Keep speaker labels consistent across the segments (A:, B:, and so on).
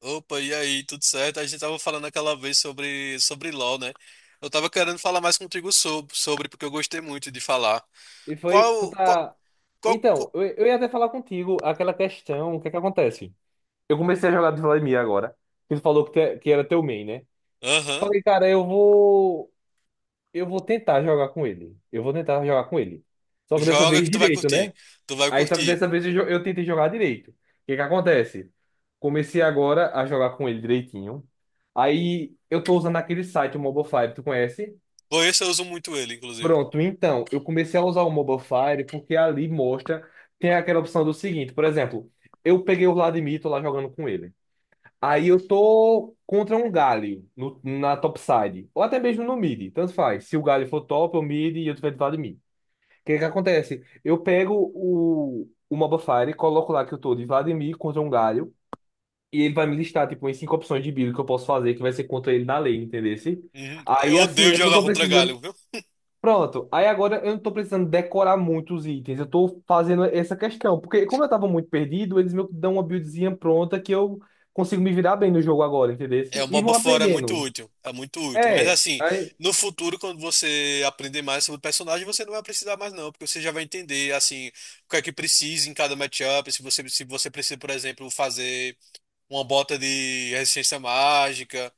A: Opa, e aí, tudo certo? A gente tava falando aquela vez sobre LoL, né? Eu tava querendo falar mais contigo sobre porque eu gostei muito de falar.
B: E foi, tu
A: Qual, qual,
B: tá.
A: qual...
B: Então, eu ia até falar contigo aquela questão. O que é que acontece? Eu comecei a jogar de Vladimir agora, que tu falou que, que era teu main, né?
A: Aham,
B: Falei, cara, eu vou. Eu vou tentar jogar com ele. Eu vou tentar jogar com ele. Só que dessa
A: joga
B: vez
A: que tu vai
B: direito,
A: curtir.
B: né?
A: Tu vai
B: Aí só que
A: curtir.
B: dessa vez eu tentei jogar direito. O que é que acontece? Comecei agora a jogar com ele direitinho. Aí eu tô usando aquele site, o Mobile Five, tu conhece?
A: Por isso eu uso muito ele, inclusive.
B: Pronto, então, eu comecei a usar o Mobile Fire porque ali mostra, tem aquela opção do seguinte. Por exemplo, eu peguei o Vladimir, tô lá jogando com ele. Aí eu tô contra um Galio no, na topside, ou até mesmo no mid, tanto faz. Se o Galio for top, eu mid e eu tiver de Vladimir. O que que acontece? Eu pego o Mobile Fire, coloco lá que eu tô de Vladimir contra um Galio, e ele vai me listar, tipo, em cinco opções de build que eu posso fazer, que vai ser contra ele na lei, entendeu?
A: Uhum. Eu
B: Aí, assim,
A: odeio
B: eu não
A: jogar
B: tô
A: contra Galho,
B: precisando.
A: viu?
B: Pronto, aí agora eu não tô precisando decorar muitos itens, eu tô fazendo essa questão, porque como eu tava muito perdido, eles me dão uma buildzinha pronta que eu consigo me virar bem no jogo agora, entendeu?
A: É, o
B: E
A: MOBA
B: vou
A: fora é muito
B: aprendendo.
A: útil, é muito útil. Mas
B: É,
A: assim,
B: aí,
A: no futuro, quando você aprender mais sobre o personagem, você não vai precisar mais não, porque você já vai entender, assim, o que é que precisa em cada matchup, se você precisa, por exemplo, fazer uma bota de resistência mágica,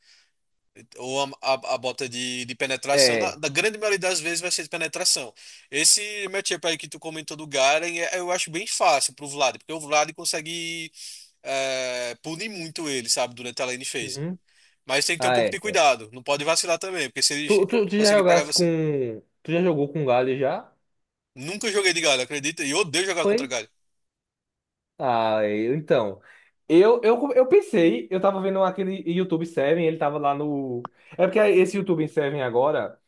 A: ou a bota de penetração. Na,
B: é.
A: na grande maioria das vezes vai ser de penetração. Esse matchup aí que tu comentou do Garen, eu acho bem fácil pro Vlad, porque o Vlad consegue punir muito ele, sabe, durante a lane phase.
B: Uhum.
A: Mas tem que ter um
B: Ah,
A: pouco de
B: é.
A: cuidado, não pode vacilar também, porque se ele
B: Tu, tu, tu já
A: conseguir pegar
B: jogasse com.
A: você.
B: Tu já jogou com galho já?
A: Nunca joguei de Garen, acredita? E eu odeio jogar contra
B: Foi?
A: Garen.
B: Ah, é, então. Eu pensei, eu tava vendo aquele YouTube 7, ele tava lá no. É porque esse YouTube 7 agora.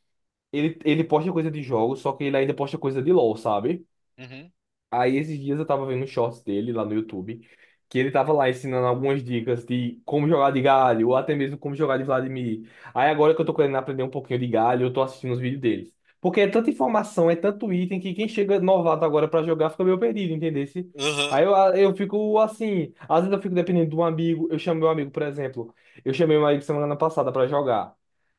B: Ele posta coisa de jogo, só que ele ainda posta coisa de LoL, sabe?
A: Uhum.
B: Aí esses dias eu tava vendo um shorts dele lá no YouTube, que ele tava lá ensinando algumas dicas de como jogar de galho, ou até mesmo como jogar de Vladimir. Aí agora que eu tô querendo aprender um pouquinho de galho, eu tô assistindo os vídeos deles. Porque é tanta informação, é tanto item, que quem chega novato agora pra jogar fica meio perdido, entendeu?
A: Aham.
B: Aí eu fico assim, às vezes eu fico dependendo de um amigo, eu chamo meu amigo. Por exemplo, eu chamei meu amigo semana passada pra jogar.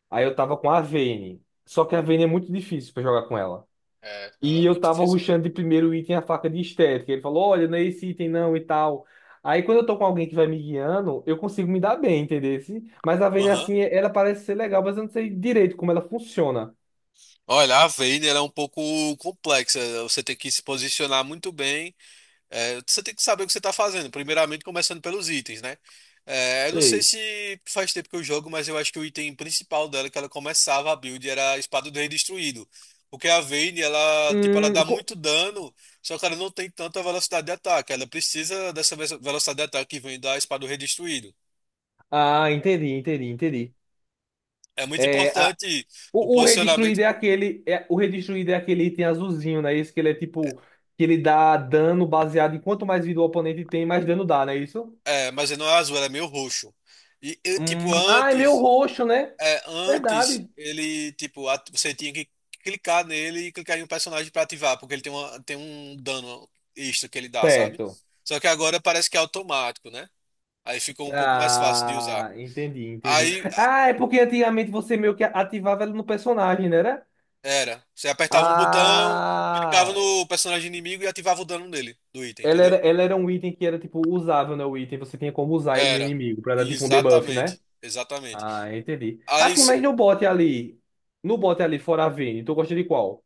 B: Aí eu tava com a Vayne, só que a Vayne é muito difícil pra jogar com ela.
A: É, ela
B: E
A: é
B: eu
A: muito
B: tava
A: difícil mesmo.
B: rushando de primeiro item a faca de estética. Ele falou, olha, não é esse item não e tal. Aí quando eu tô com alguém que vai me guiando, eu consigo me dar bem, entendeu? Mas a Vayne,
A: Aham.
B: assim, ela parece ser legal, mas eu não sei direito como ela funciona.
A: Olha, a Vayner é um pouco complexa. Você tem que se posicionar muito bem. É, você tem que saber o que você está fazendo. Primeiramente, começando pelos itens, né? É, eu não sei
B: Sei.
A: se faz tempo que eu jogo, mas eu acho que o item principal dela que ela começava a build era a Espada do Rei Destruído. Porque a Vayne, ela, tipo, ela
B: Hum,
A: dá
B: co-
A: muito dano, só que ela não tem tanta velocidade de ataque. Ela precisa dessa velocidade de ataque que vem da Espada do Rei Destruído.
B: Ah, entendi, entendi, entendi.
A: É muito
B: É, a...
A: importante o
B: o
A: posicionamento.
B: Redestruído é aquele. É... O Redestruído é aquele item azulzinho, né? Isso que ele é tipo. Que ele dá dano baseado em quanto mais vida o oponente tem, mais dano dá, não é isso?
A: É, mas não é azul, ela é meio roxo. E eu, tipo,
B: Ah, é meio
A: antes.
B: roxo, né?
A: É, antes
B: Verdade.
A: ele, tipo, você tinha que clicar nele e clicar em um personagem pra ativar, porque ele tem, tem um dano extra que ele dá, sabe?
B: Certo.
A: Só que agora parece que é automático, né? Aí ficou um pouco mais fácil de usar.
B: Ah, entendi, entendi.
A: Aí a-
B: Ah, é porque antigamente você meio que ativava ela no personagem, né? Era?
A: Era, você apertava um botão, clicava
B: Ah,
A: no personagem inimigo e ativava o dano dele, do item, entendeu?
B: ela era um item que era tipo usável, né? O item você tinha como usar ele no
A: Era.
B: inimigo pra dar tipo um debuff, né?
A: Exatamente. Exatamente.
B: Ah, entendi.
A: Aí
B: Assim,
A: isso-
B: mas no bot ali, no bot ali fora a Vayne, tu gosta de qual?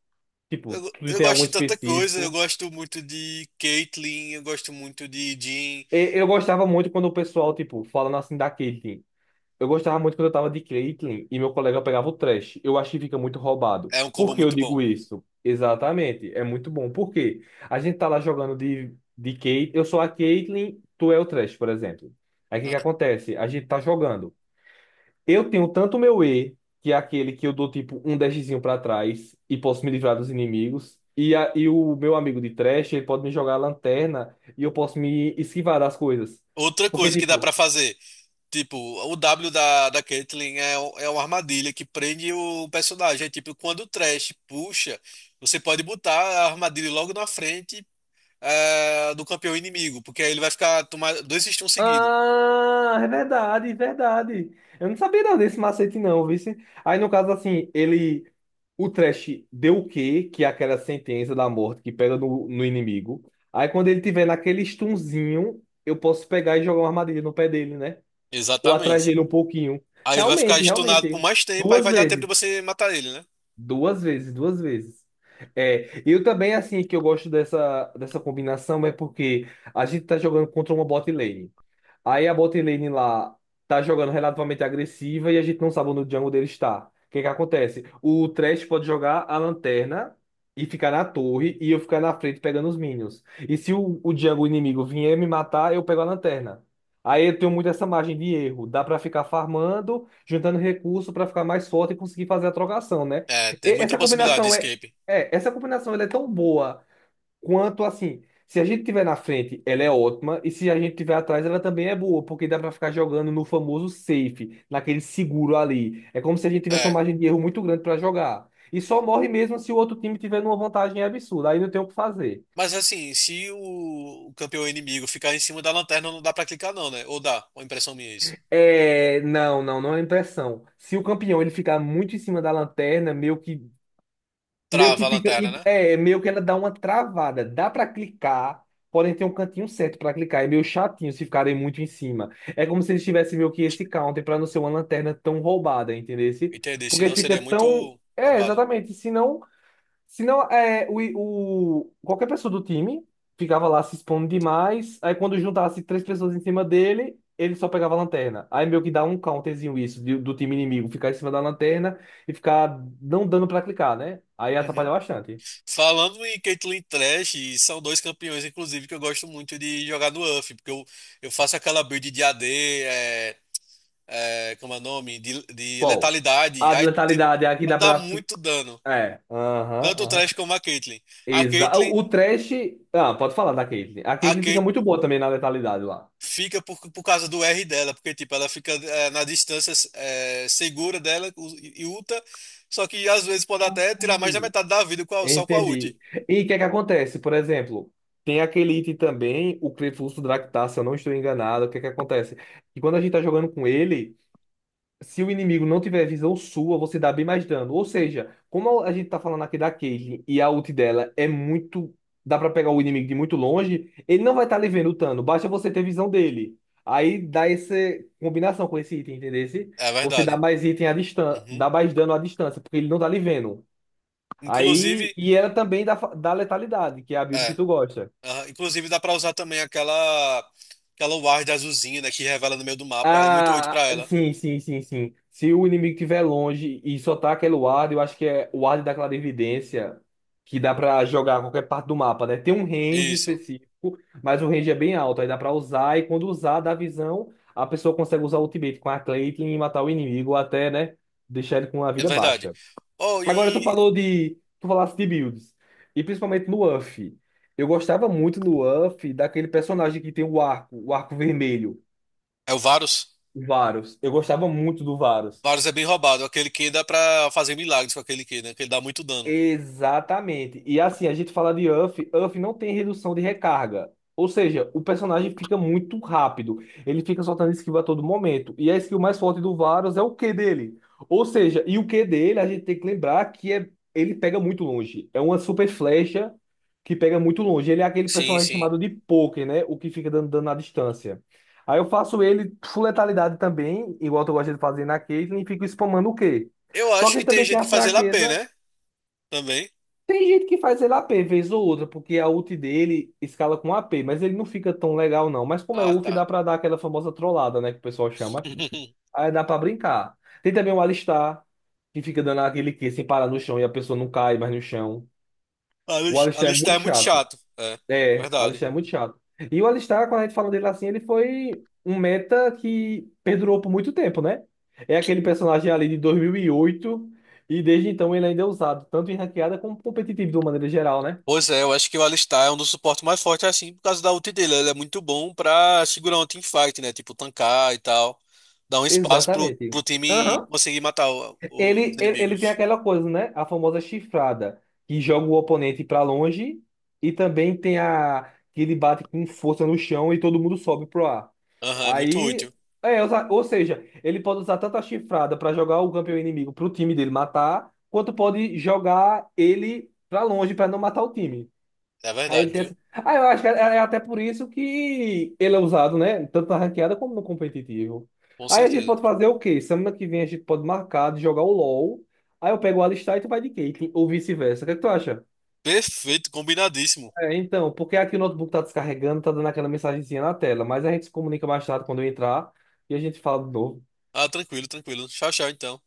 B: Tipo,
A: eu,
B: tu
A: eu
B: tem
A: gosto
B: algum
A: de tanta coisa, eu
B: específico?
A: gosto muito de Caitlyn, eu gosto muito de Jhin,
B: E- Eu gostava muito quando o pessoal, tipo, falando assim da Caitlyn. Eu gostava muito quando eu tava de Caitlyn e meu colega pegava o trash. Eu acho que fica muito roubado.
A: é um
B: Por
A: combo
B: que eu
A: muito
B: digo
A: bom.
B: isso? Exatamente, é muito bom. Por quê? A gente tá lá jogando de Caitlyn, eu sou a Caitlyn, tu é o trash, por exemplo. Aí o que que
A: Ah.
B: acontece? A gente tá jogando. Eu tenho tanto meu E, que é aquele que eu dou tipo um dashzinho pra trás e posso me livrar dos inimigos. E o meu amigo de trash, ele pode me jogar a lanterna e eu posso me esquivar das coisas.
A: Outra
B: Porque,
A: coisa que dá pra
B: tipo,
A: fazer, tipo, o W da Caitlyn é, é uma armadilha que prende o personagem. É tipo, quando o Thresh puxa, você pode botar a armadilha logo na frente do campeão inimigo, porque aí ele vai ficar tomar dois stuns seguidos.
B: ah, é verdade, é verdade. Eu não sabia não desse macete não, vice. Aí no caso assim, ele, o Trash deu o quê? Que é aquela sentença da morte que pega no inimigo. Aí quando ele tiver naquele stunzinho, eu posso pegar e jogar uma armadilha no pé dele, né? Ou atrás
A: Exatamente.
B: dele um pouquinho.
A: Aí ele vai ficar
B: Realmente,
A: stunado por
B: realmente.
A: mais tempo, aí
B: Duas
A: vai dar tempo de
B: vezes,
A: você matar ele, né?
B: duas vezes, duas vezes. É, eu também assim que eu gosto dessa combinação é porque a gente tá jogando contra uma bot lane. Aí a bot lane lá tá jogando relativamente agressiva e a gente não sabe onde o jungle dele está. O que é que acontece? O Thresh pode jogar a lanterna e ficar na torre e eu ficar na frente pegando os minions. E se o jungle inimigo vier me matar, eu pego a lanterna. Aí eu tenho muito essa margem de erro. Dá pra ficar farmando, juntando recurso pra ficar mais forte e conseguir fazer a trocação, né?
A: É,
B: E-
A: tem muita
B: essa
A: possibilidade de
B: combinação é,
A: escape.
B: é, essa combinação ela é tão boa quanto assim. Se a gente tiver na frente, ela é ótima, e se a gente tiver atrás, ela também é boa, porque dá para ficar jogando no famoso safe, naquele seguro ali. É como se a gente tivesse uma
A: É.
B: margem de erro muito grande para jogar. E só morre mesmo se o outro time tiver numa vantagem absurda, aí não tem o que fazer.
A: Mas assim, se o campeão inimigo ficar em cima da lanterna, não dá pra clicar não, né? Ou dá, uma impressão minha é isso.
B: É, não, não, não é impressão. Se o campeão ele ficar muito em cima da lanterna, meio que meio que
A: Trava a
B: fica.
A: lanterna, né?
B: É, meio que ela dá uma travada. Dá pra clicar, porém tem um cantinho certo pra clicar. É meio chatinho se ficarem muito em cima. É como se eles tivessem meio que esse counter pra não ser uma lanterna tão roubada, entendesse?
A: Entendi,
B: Porque
A: senão
B: fica
A: seria
B: tão.
A: muito
B: É,
A: roubado.
B: exatamente. Senão, é, qualquer pessoa do time ficava lá se expondo demais. Aí, quando juntasse três pessoas em cima dele, ele só pegava a lanterna. Aí, meio que dá um counterzinho isso do time inimigo, ficar em cima da lanterna e ficar não dando pra clicar, né? Aí atrapalha
A: Uhum.
B: bastante.
A: Falando em Caitlyn Trash, são dois campeões, inclusive, que eu gosto muito de jogar no UF, porque eu faço aquela build de AD, é, como é o nome? De
B: Qual?
A: letalidade,
B: A de letalidade, é a que dá
A: dá
B: pra.
A: muito dano,
B: É,
A: tanto
B: aham,
A: o
B: aham.
A: Trash como a Caitlyn. A
B: Exa...
A: Caitlyn,
B: O trash. Ah, pode falar da Caitlyn. A
A: a
B: Caitlyn fica
A: Caitlyn
B: muito boa também na letalidade lá.
A: fica por causa do R dela, porque tipo, ela fica na distância segura dela e ulta, só que às vezes pode até tirar mais da metade da vida com só com a ult.
B: Entendi. E o que é que acontece? Por exemplo, tem aquele item também, o Clefus Draktar, se eu não estou enganado. O que é que acontece? E quando a gente tá jogando com ele, se o inimigo não tiver visão sua, você dá bem mais dano. Ou seja, como a gente tá falando aqui da Caitlyn e a ult dela é muito. Dá pra pegar o inimigo de muito longe, ele não vai estar tá lhe vendo o dano, basta você ter visão dele. Aí dá essa combinação com esse item, entendeu?
A: É
B: Você dá
A: verdade.
B: mais item à distância,
A: Uhum.
B: dá mais dano à distância, porque ele não tá lhe vendo.
A: Inclusive,
B: Aí, e era também da letalidade, que é a build que
A: é,
B: tu gosta.
A: aham, inclusive dá pra usar também aquela ward azulzinha, né, que revela no meio do mapa, ela é muito útil pra
B: Ah,
A: ela.
B: sim, sim, sim, sim. Se o inimigo estiver longe e só tá aquele ward, eu acho que é o ward da clarividência, que dá pra jogar a qualquer parte do mapa, né? Tem um range
A: Isso.
B: específico, mas o range é bem alto, aí dá pra usar, e quando usar, dá visão, a pessoa consegue usar o ultimate com a Caitlyn e matar o inimigo, ou até, né, deixar ele com a
A: É
B: vida
A: verdade.
B: baixa.
A: Oh,
B: Agora tu
A: e.
B: falou de. Tu falaste de builds. E principalmente no UF. Eu gostava muito no UF daquele personagem que tem o arco vermelho,
A: É o Varus.
B: o Varus. Eu gostava muito do Varus.
A: Varus é bem roubado. Aquele que dá pra fazer milagres com aquele que, né? Que ele dá muito dano.
B: Exatamente. E assim, a gente fala de Uff Uff não tem redução de recarga. Ou seja, o personagem fica muito rápido. Ele fica soltando esquiva a todo momento. E a skill mais forte do Varus é o Q dele. Ou seja, e o Q dele, a gente tem que lembrar que é, ele pega muito longe. É uma super flecha que pega muito longe. Ele é aquele
A: Sim,
B: personagem
A: sim.
B: chamado de poker, né? O que fica dando dano à distância. Aí eu faço ele full letalidade também, igual eu gosto de fazer na Caitlyn, e fico spamando o Q.
A: Eu
B: Só
A: acho
B: que
A: que
B: ele
A: tem
B: também tem
A: gente que
B: a
A: faz ele AP,
B: fraqueza.
A: né? Também.
B: Tem gente que faz ele a p vez ou outra, porque a ult dele escala com a p, mas ele não fica tão legal não. Mas como é
A: Ah,
B: UF,
A: tá.
B: dá pra dar aquela famosa trollada, né, que o pessoal chama. Aí dá pra brincar. Tem também o Alistar, que fica dando aquele que sem parar no chão e a pessoa não cai mais no chão.
A: A
B: O Alistar é
A: Alistar
B: muito
A: é muito
B: chato.
A: chato. É,
B: É,
A: verdade.
B: Alistar é muito chato. E o Alistar, quando a gente fala dele assim, ele foi um meta que perdurou por muito tempo, né? É aquele personagem ali de 2008 e oito e desde então ele ainda é usado, tanto em ranqueada como competitivo de uma maneira geral, né?
A: Pois é, eu acho que o Alistar é um dos suportes mais fortes, assim, por causa da ult dele. Ele é muito bom pra segurar um teamfight, né? Tipo, tancar e tal. Dar um espaço pro,
B: Exatamente.
A: pro time
B: Aham.
A: conseguir matar os
B: Ele tem
A: inimigos.
B: aquela coisa, né? A famosa chifrada, que joga o oponente pra longe, e também tem a que ele bate com força no chão e todo mundo sobe pro ar.
A: Aham, é muito
B: Aí,
A: útil.
B: é, ou seja, ele pode usar tanto a chifrada pra jogar o campeão inimigo pro time dele matar, quanto pode jogar ele pra longe pra não matar o time.
A: É
B: Aí ele
A: verdade,
B: tem
A: viu?
B: essa... Ah, eu acho que é até por isso que ele é usado, né? Tanto na ranqueada como no competitivo.
A: Com
B: Aí a gente
A: certeza.
B: pode fazer o quê? Semana que vem a gente pode marcar de jogar o LoL. Aí eu pego o Alistar e tu vai de Caitlyn, ou vice-versa. O que é que tu acha?
A: Perfeito, combinadíssimo.
B: É, então, porque aqui o notebook tá descarregando, tá dando aquela mensagenzinha na tela, mas a gente se comunica mais tarde quando eu entrar e a gente fala de novo.
A: Ah, tranquilo, tranquilo. Tchau, tchau, então.